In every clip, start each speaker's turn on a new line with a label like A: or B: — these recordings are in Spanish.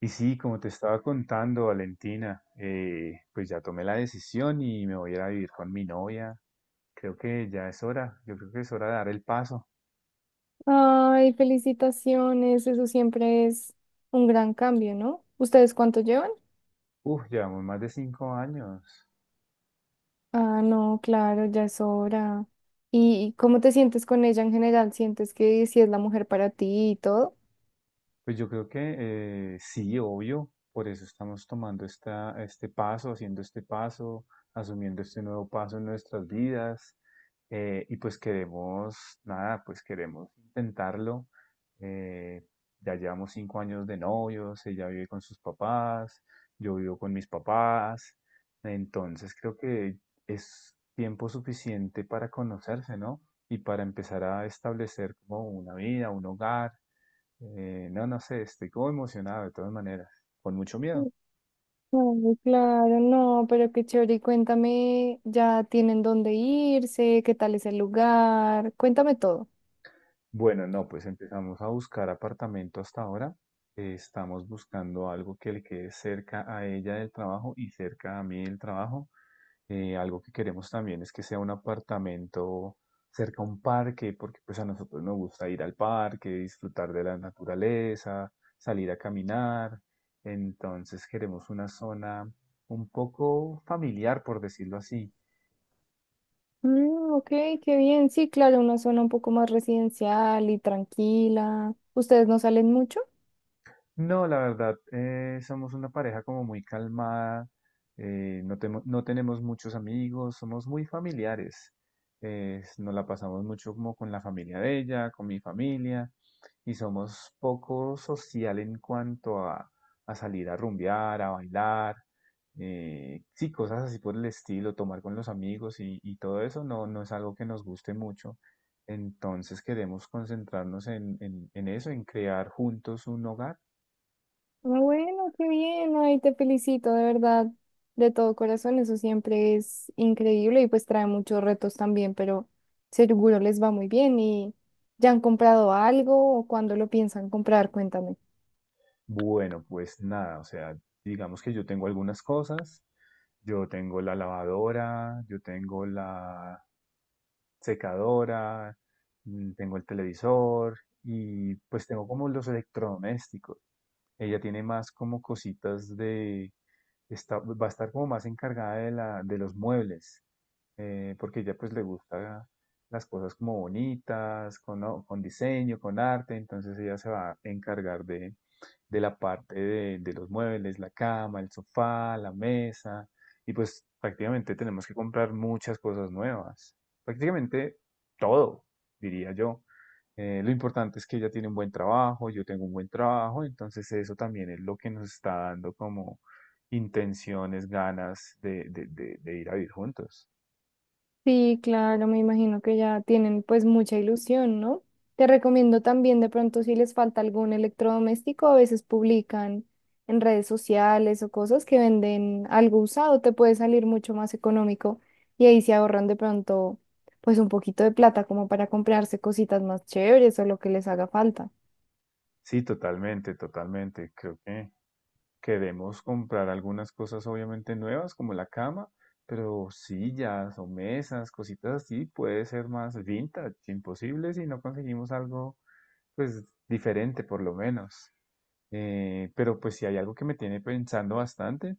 A: Y sí, como te estaba contando, Valentina, pues ya tomé la decisión y me voy a ir a vivir con mi novia. Creo que ya es hora, yo creo que es hora de dar el paso.
B: Ay, felicitaciones, eso siempre es un gran cambio, ¿no? ¿Ustedes cuánto llevan?
A: Uf, llevamos más de 5 años.
B: Ah, no, claro, ya es hora. ¿Y cómo te sientes con ella en general? ¿Sientes que si es la mujer para ti y todo?
A: Pues yo creo que sí, obvio, por eso estamos tomando este paso, haciendo este paso, asumiendo este nuevo paso en nuestras vidas, y pues nada, pues queremos intentarlo. eh, ya llevamos 5 años de novios, ella vive con sus papás, yo vivo con mis papás, entonces creo que es tiempo suficiente para conocerse, ¿no? Y para empezar a establecer como una vida, un hogar. No, no sé, estoy como emocionado de todas maneras, con mucho miedo.
B: Ay, claro, no, pero qué chévere. Y cuéntame, ¿ya tienen dónde irse? ¿Qué tal es el lugar? Cuéntame todo.
A: Bueno, no, pues empezamos a buscar apartamento hasta ahora. Estamos buscando algo que le quede cerca a ella del trabajo y cerca a mí del trabajo. Algo que queremos también es que sea un apartamento cerca a un parque, porque pues a nosotros nos gusta ir al parque, disfrutar de la naturaleza, salir a caminar. Entonces queremos una zona un poco familiar, por decirlo así.
B: Mm, ok, qué bien. Sí, claro, una zona un poco más residencial y tranquila. ¿Ustedes no salen mucho?
A: No, la verdad, somos una pareja como muy calmada. No, no tenemos muchos amigos, somos muy familiares. Nos la pasamos mucho como con la familia de ella, con mi familia, y somos poco social en cuanto a salir a rumbear, a bailar. Sí, cosas así por el estilo, tomar con los amigos y todo eso no, no es algo que nos guste mucho. Entonces queremos concentrarnos en, en eso, en crear juntos un hogar.
B: Ah, bueno, qué bien, ay, te felicito, de verdad, de todo corazón, eso siempre es increíble y pues trae muchos retos también, pero seguro les va muy bien y ¿ya han comprado algo o cuándo lo piensan comprar? Cuéntame.
A: Bueno, pues nada, o sea, digamos que yo tengo algunas cosas, yo tengo la lavadora, yo tengo la secadora, tengo el televisor y pues tengo como los electrodomésticos. Ella tiene más como cositas de, está, va a estar como más encargada de la, de los muebles, porque ella pues le gusta las cosas como bonitas, con diseño, con arte, entonces ella se va a encargar de la parte de los muebles, la cama, el sofá, la mesa, y pues prácticamente tenemos que comprar muchas cosas nuevas, prácticamente todo, diría yo. Lo importante es que ella tiene un buen trabajo, yo tengo un buen trabajo, entonces eso también es lo que nos está dando como intenciones, ganas de, de ir a vivir juntos.
B: Sí, claro, me imagino que ya tienen pues mucha ilusión, ¿no? Te recomiendo también de pronto si les falta algún electrodoméstico, a veces publican en redes sociales o cosas que venden algo usado, te puede salir mucho más económico y ahí se ahorran de pronto pues un poquito de plata como para comprarse cositas más chéveres o lo que les haga falta.
A: Sí, totalmente, totalmente. Creo que queremos comprar algunas cosas obviamente nuevas, como la cama, pero sillas o mesas, cositas así, puede ser más vintage, imposible si no conseguimos algo pues diferente por lo menos. Pero pues si hay algo que me tiene pensando bastante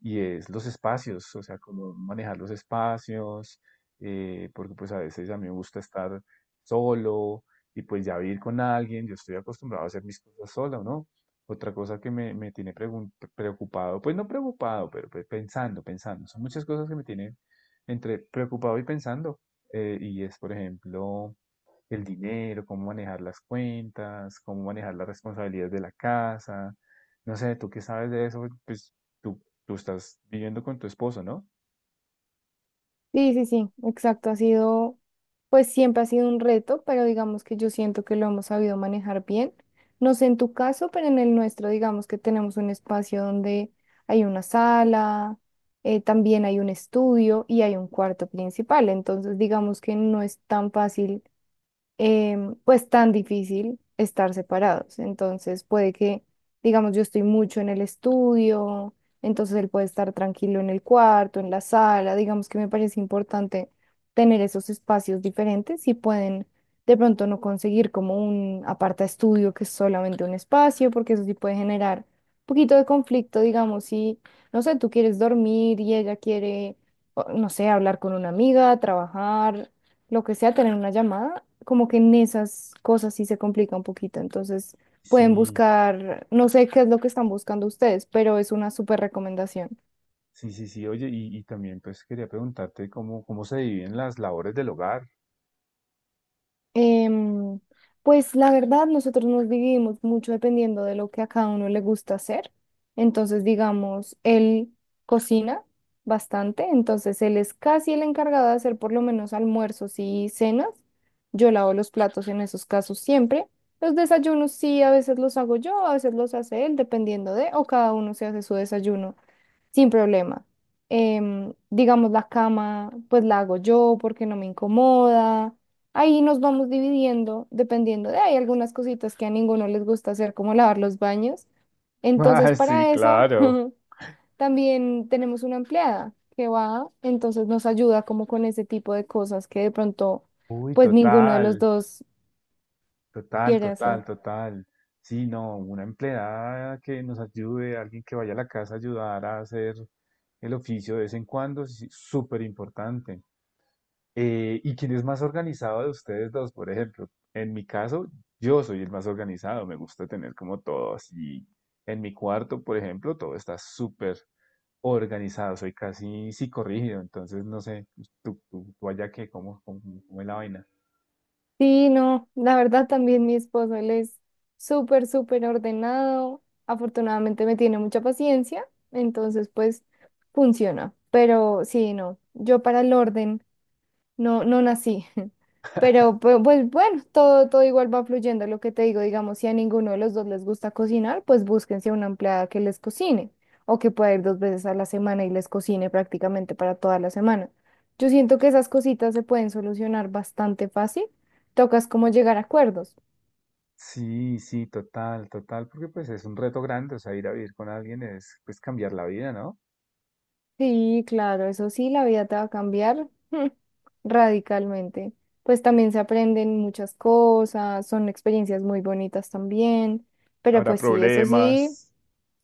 A: y es los espacios, o sea, cómo manejar los espacios. Porque pues a veces a mí me gusta estar solo y pues ya vivir con alguien, yo estoy acostumbrado a hacer mis cosas solo, ¿no? Otra cosa que me tiene preocupado, pues no preocupado, pero pues, pensando, pensando, son muchas cosas que me tienen entre preocupado y pensando. Y es, por ejemplo, el dinero, cómo manejar las cuentas, cómo manejar las responsabilidades de la casa. No sé, tú qué sabes de eso, pues tú, tú estás viviendo con tu esposo, ¿no?
B: Sí, sí, sí, exacto. Ha sido, pues siempre ha sido un reto, pero digamos que yo siento que lo hemos sabido manejar bien. No sé en tu caso, pero en el nuestro, digamos que tenemos un espacio donde hay una sala, también hay un estudio y hay un cuarto principal. Entonces, digamos que no es tan fácil pues tan difícil estar separados. Entonces puede que, digamos, yo estoy mucho en el estudio, entonces él puede estar tranquilo en el cuarto, en la sala, digamos que me parece importante tener esos espacios diferentes y pueden de pronto no conseguir como un aparta estudio que es solamente un espacio, porque eso sí puede generar un poquito de conflicto, digamos, si, no sé, tú quieres dormir y ella quiere, no sé, hablar con una amiga, trabajar, lo que sea, tener una llamada, como que en esas cosas sí se complica un poquito. Entonces, pueden
A: Sí,
B: buscar, no sé qué es lo que están buscando ustedes, pero es una súper recomendación.
A: sí, sí, sí. Oye, y también pues quería preguntarte cómo se dividen las labores del hogar.
B: Em, pues la verdad, nosotros nos dividimos mucho dependiendo de lo que a cada uno le gusta hacer. Entonces, digamos, él cocina bastante, entonces él es casi el encargado de hacer por lo menos almuerzos y cenas. Yo lavo los platos en esos casos siempre. Los desayunos sí, a veces los hago yo, a veces los hace él, dependiendo de, o cada uno se hace su desayuno. Sin problema. Em, digamos, la cama, pues la hago yo porque no me incomoda. Ahí nos vamos dividiendo, dependiendo de, hay algunas cositas que a ninguno les gusta hacer, como lavar los baños.
A: Ah,
B: Entonces,
A: sí,
B: para eso,
A: claro.
B: también tenemos una empleada que va, entonces nos ayuda como con ese tipo de cosas que de pronto,
A: Uy,
B: pues ninguno de los
A: total,
B: dos
A: total,
B: quiere hacer.
A: total, total. Sí, no, una empleada que nos ayude, alguien que vaya a la casa a ayudar a hacer el oficio de vez en cuando, sí, súper importante. ¿Y quién es más organizado de ustedes dos, por ejemplo? En mi caso, yo soy el más organizado, me gusta tener como todo así. En mi cuarto, por ejemplo, todo está súper organizado, soy casi psicorrígido, entonces no sé, tú allá qué, cómo es la vaina.
B: Sí, no, la verdad también mi esposo, él es súper, súper ordenado. Afortunadamente me tiene mucha paciencia, entonces pues funciona. Pero sí, no, yo para el orden. No, no nací. Pero pues bueno, todo, todo igual va fluyendo. Lo que te digo, digamos, si a ninguno de los dos les gusta cocinar, pues búsquense una empleada que les cocine o que pueda ir 2 veces a la semana y les cocine prácticamente para toda la semana. Yo siento que esas cositas se pueden solucionar bastante fácil. Tocas como llegar a acuerdos.
A: Sí, sí, total, total, porque pues es un reto grande, o sea, ir a vivir con alguien es pues cambiar la vida, ¿no?
B: Sí, claro, eso sí, la vida te va a cambiar mm, radicalmente. Pues también se aprenden muchas cosas, son experiencias muy bonitas también, pero
A: Habrá
B: pues sí, eso sí,
A: problemas.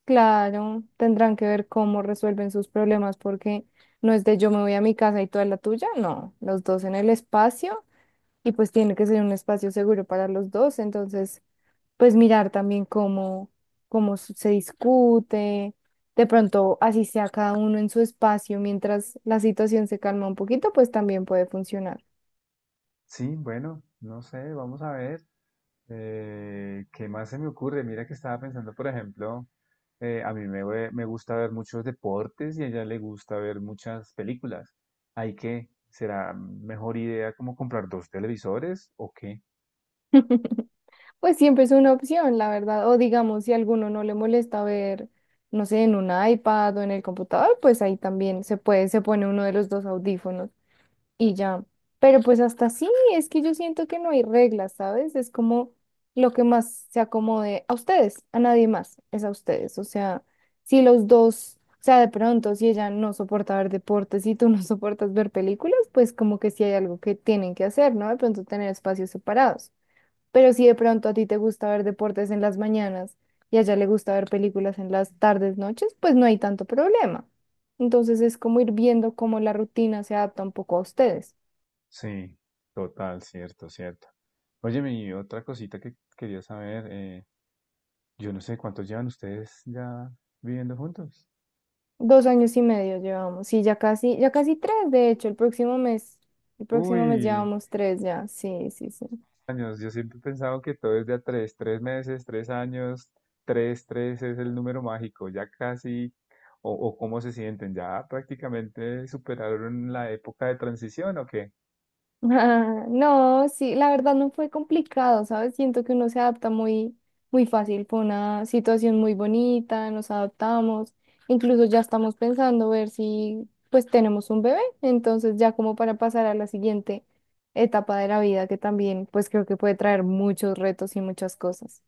B: claro, tendrán que ver cómo resuelven sus problemas porque no es de yo me voy a mi casa y tú a la tuya, no, los dos en el espacio y pues tiene que ser un espacio seguro para los dos, entonces pues mirar también cómo, cómo se discute, de pronto así sea cada uno en su espacio mientras la situación se calma un poquito, pues también puede funcionar.
A: Sí, bueno, no sé, vamos a ver. ¿Qué más se me ocurre? Mira que estaba pensando, por ejemplo, a mí me gusta ver muchos deportes y a ella le gusta ver muchas películas. ¿Hay que, será mejor idea como comprar dos televisores o qué?
B: Pues siempre es una opción, la verdad, o digamos, si a alguno no le molesta ver, no sé, en un iPad o en el computador, pues ahí también se puede, se pone uno de los dos audífonos. Y ya. Pero pues hasta sí, es que yo siento que no hay reglas, ¿sabes? Es como lo que más se acomode a ustedes, a nadie más, es a ustedes. O sea, si los dos, o sea, de pronto, si ella no soporta ver deportes y tú no soportas ver películas, pues como que sí hay algo que tienen que hacer, ¿no? De pronto tener espacios separados. Pero si de pronto a ti te gusta ver deportes en las mañanas y a ella le gusta ver películas en las tardes, noches, pues no hay tanto problema. Entonces es como ir viendo cómo la rutina se adapta un poco a ustedes.
A: Sí, total, cierto, cierto. Oye, mi otra cosita que quería saber, yo no sé cuántos llevan ustedes ya viviendo juntos.
B: 2 años y medio llevamos, sí, ya casi tres, de hecho, el próximo mes
A: Uy,
B: llevamos tres ya, sí, sí, sí.
A: años. Yo siempre he pensado que todo es de a tres, 3 meses, 3 años, tres es el número mágico, ya casi, o cómo se sienten, ya prácticamente superaron la época de transición o qué.
B: Ah, no, sí, la verdad no fue complicado, ¿sabes? Siento que uno se adapta muy, muy fácil, fue una situación muy bonita, nos adaptamos, incluso ya estamos pensando ver si pues tenemos un bebé, entonces ya como para pasar a la siguiente etapa de la vida que también pues creo que puede traer muchos retos y muchas cosas.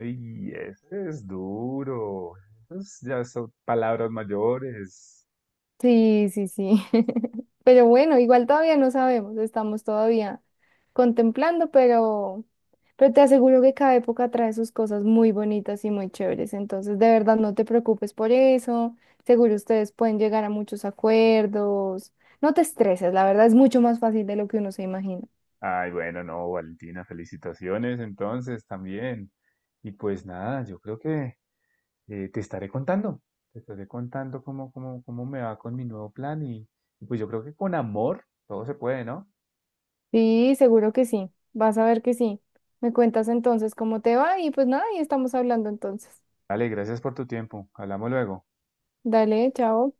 A: Y eso es duro, esas ya son palabras mayores.
B: Sí, sí, sí. Pero bueno, igual todavía no sabemos, estamos todavía contemplando, pero te aseguro que cada época trae sus cosas muy bonitas y muy chéveres. Entonces, de verdad, no te preocupes por eso. Seguro ustedes pueden llegar a muchos acuerdos. No te estreses, la verdad es mucho más fácil de lo que uno se imagina.
A: Ay, bueno, no, Valentina, felicitaciones entonces también. Y pues nada, yo creo que eh, te estaré contando, te estaré contando cómo me va con mi nuevo plan, y pues yo creo que con amor todo se puede, ¿no?
B: Sí, seguro que sí. Vas a ver que sí. Me cuentas entonces cómo te va y pues nada, y estamos hablando entonces.
A: Dale, gracias por tu tiempo. Hablamos luego.
B: Dale, chao.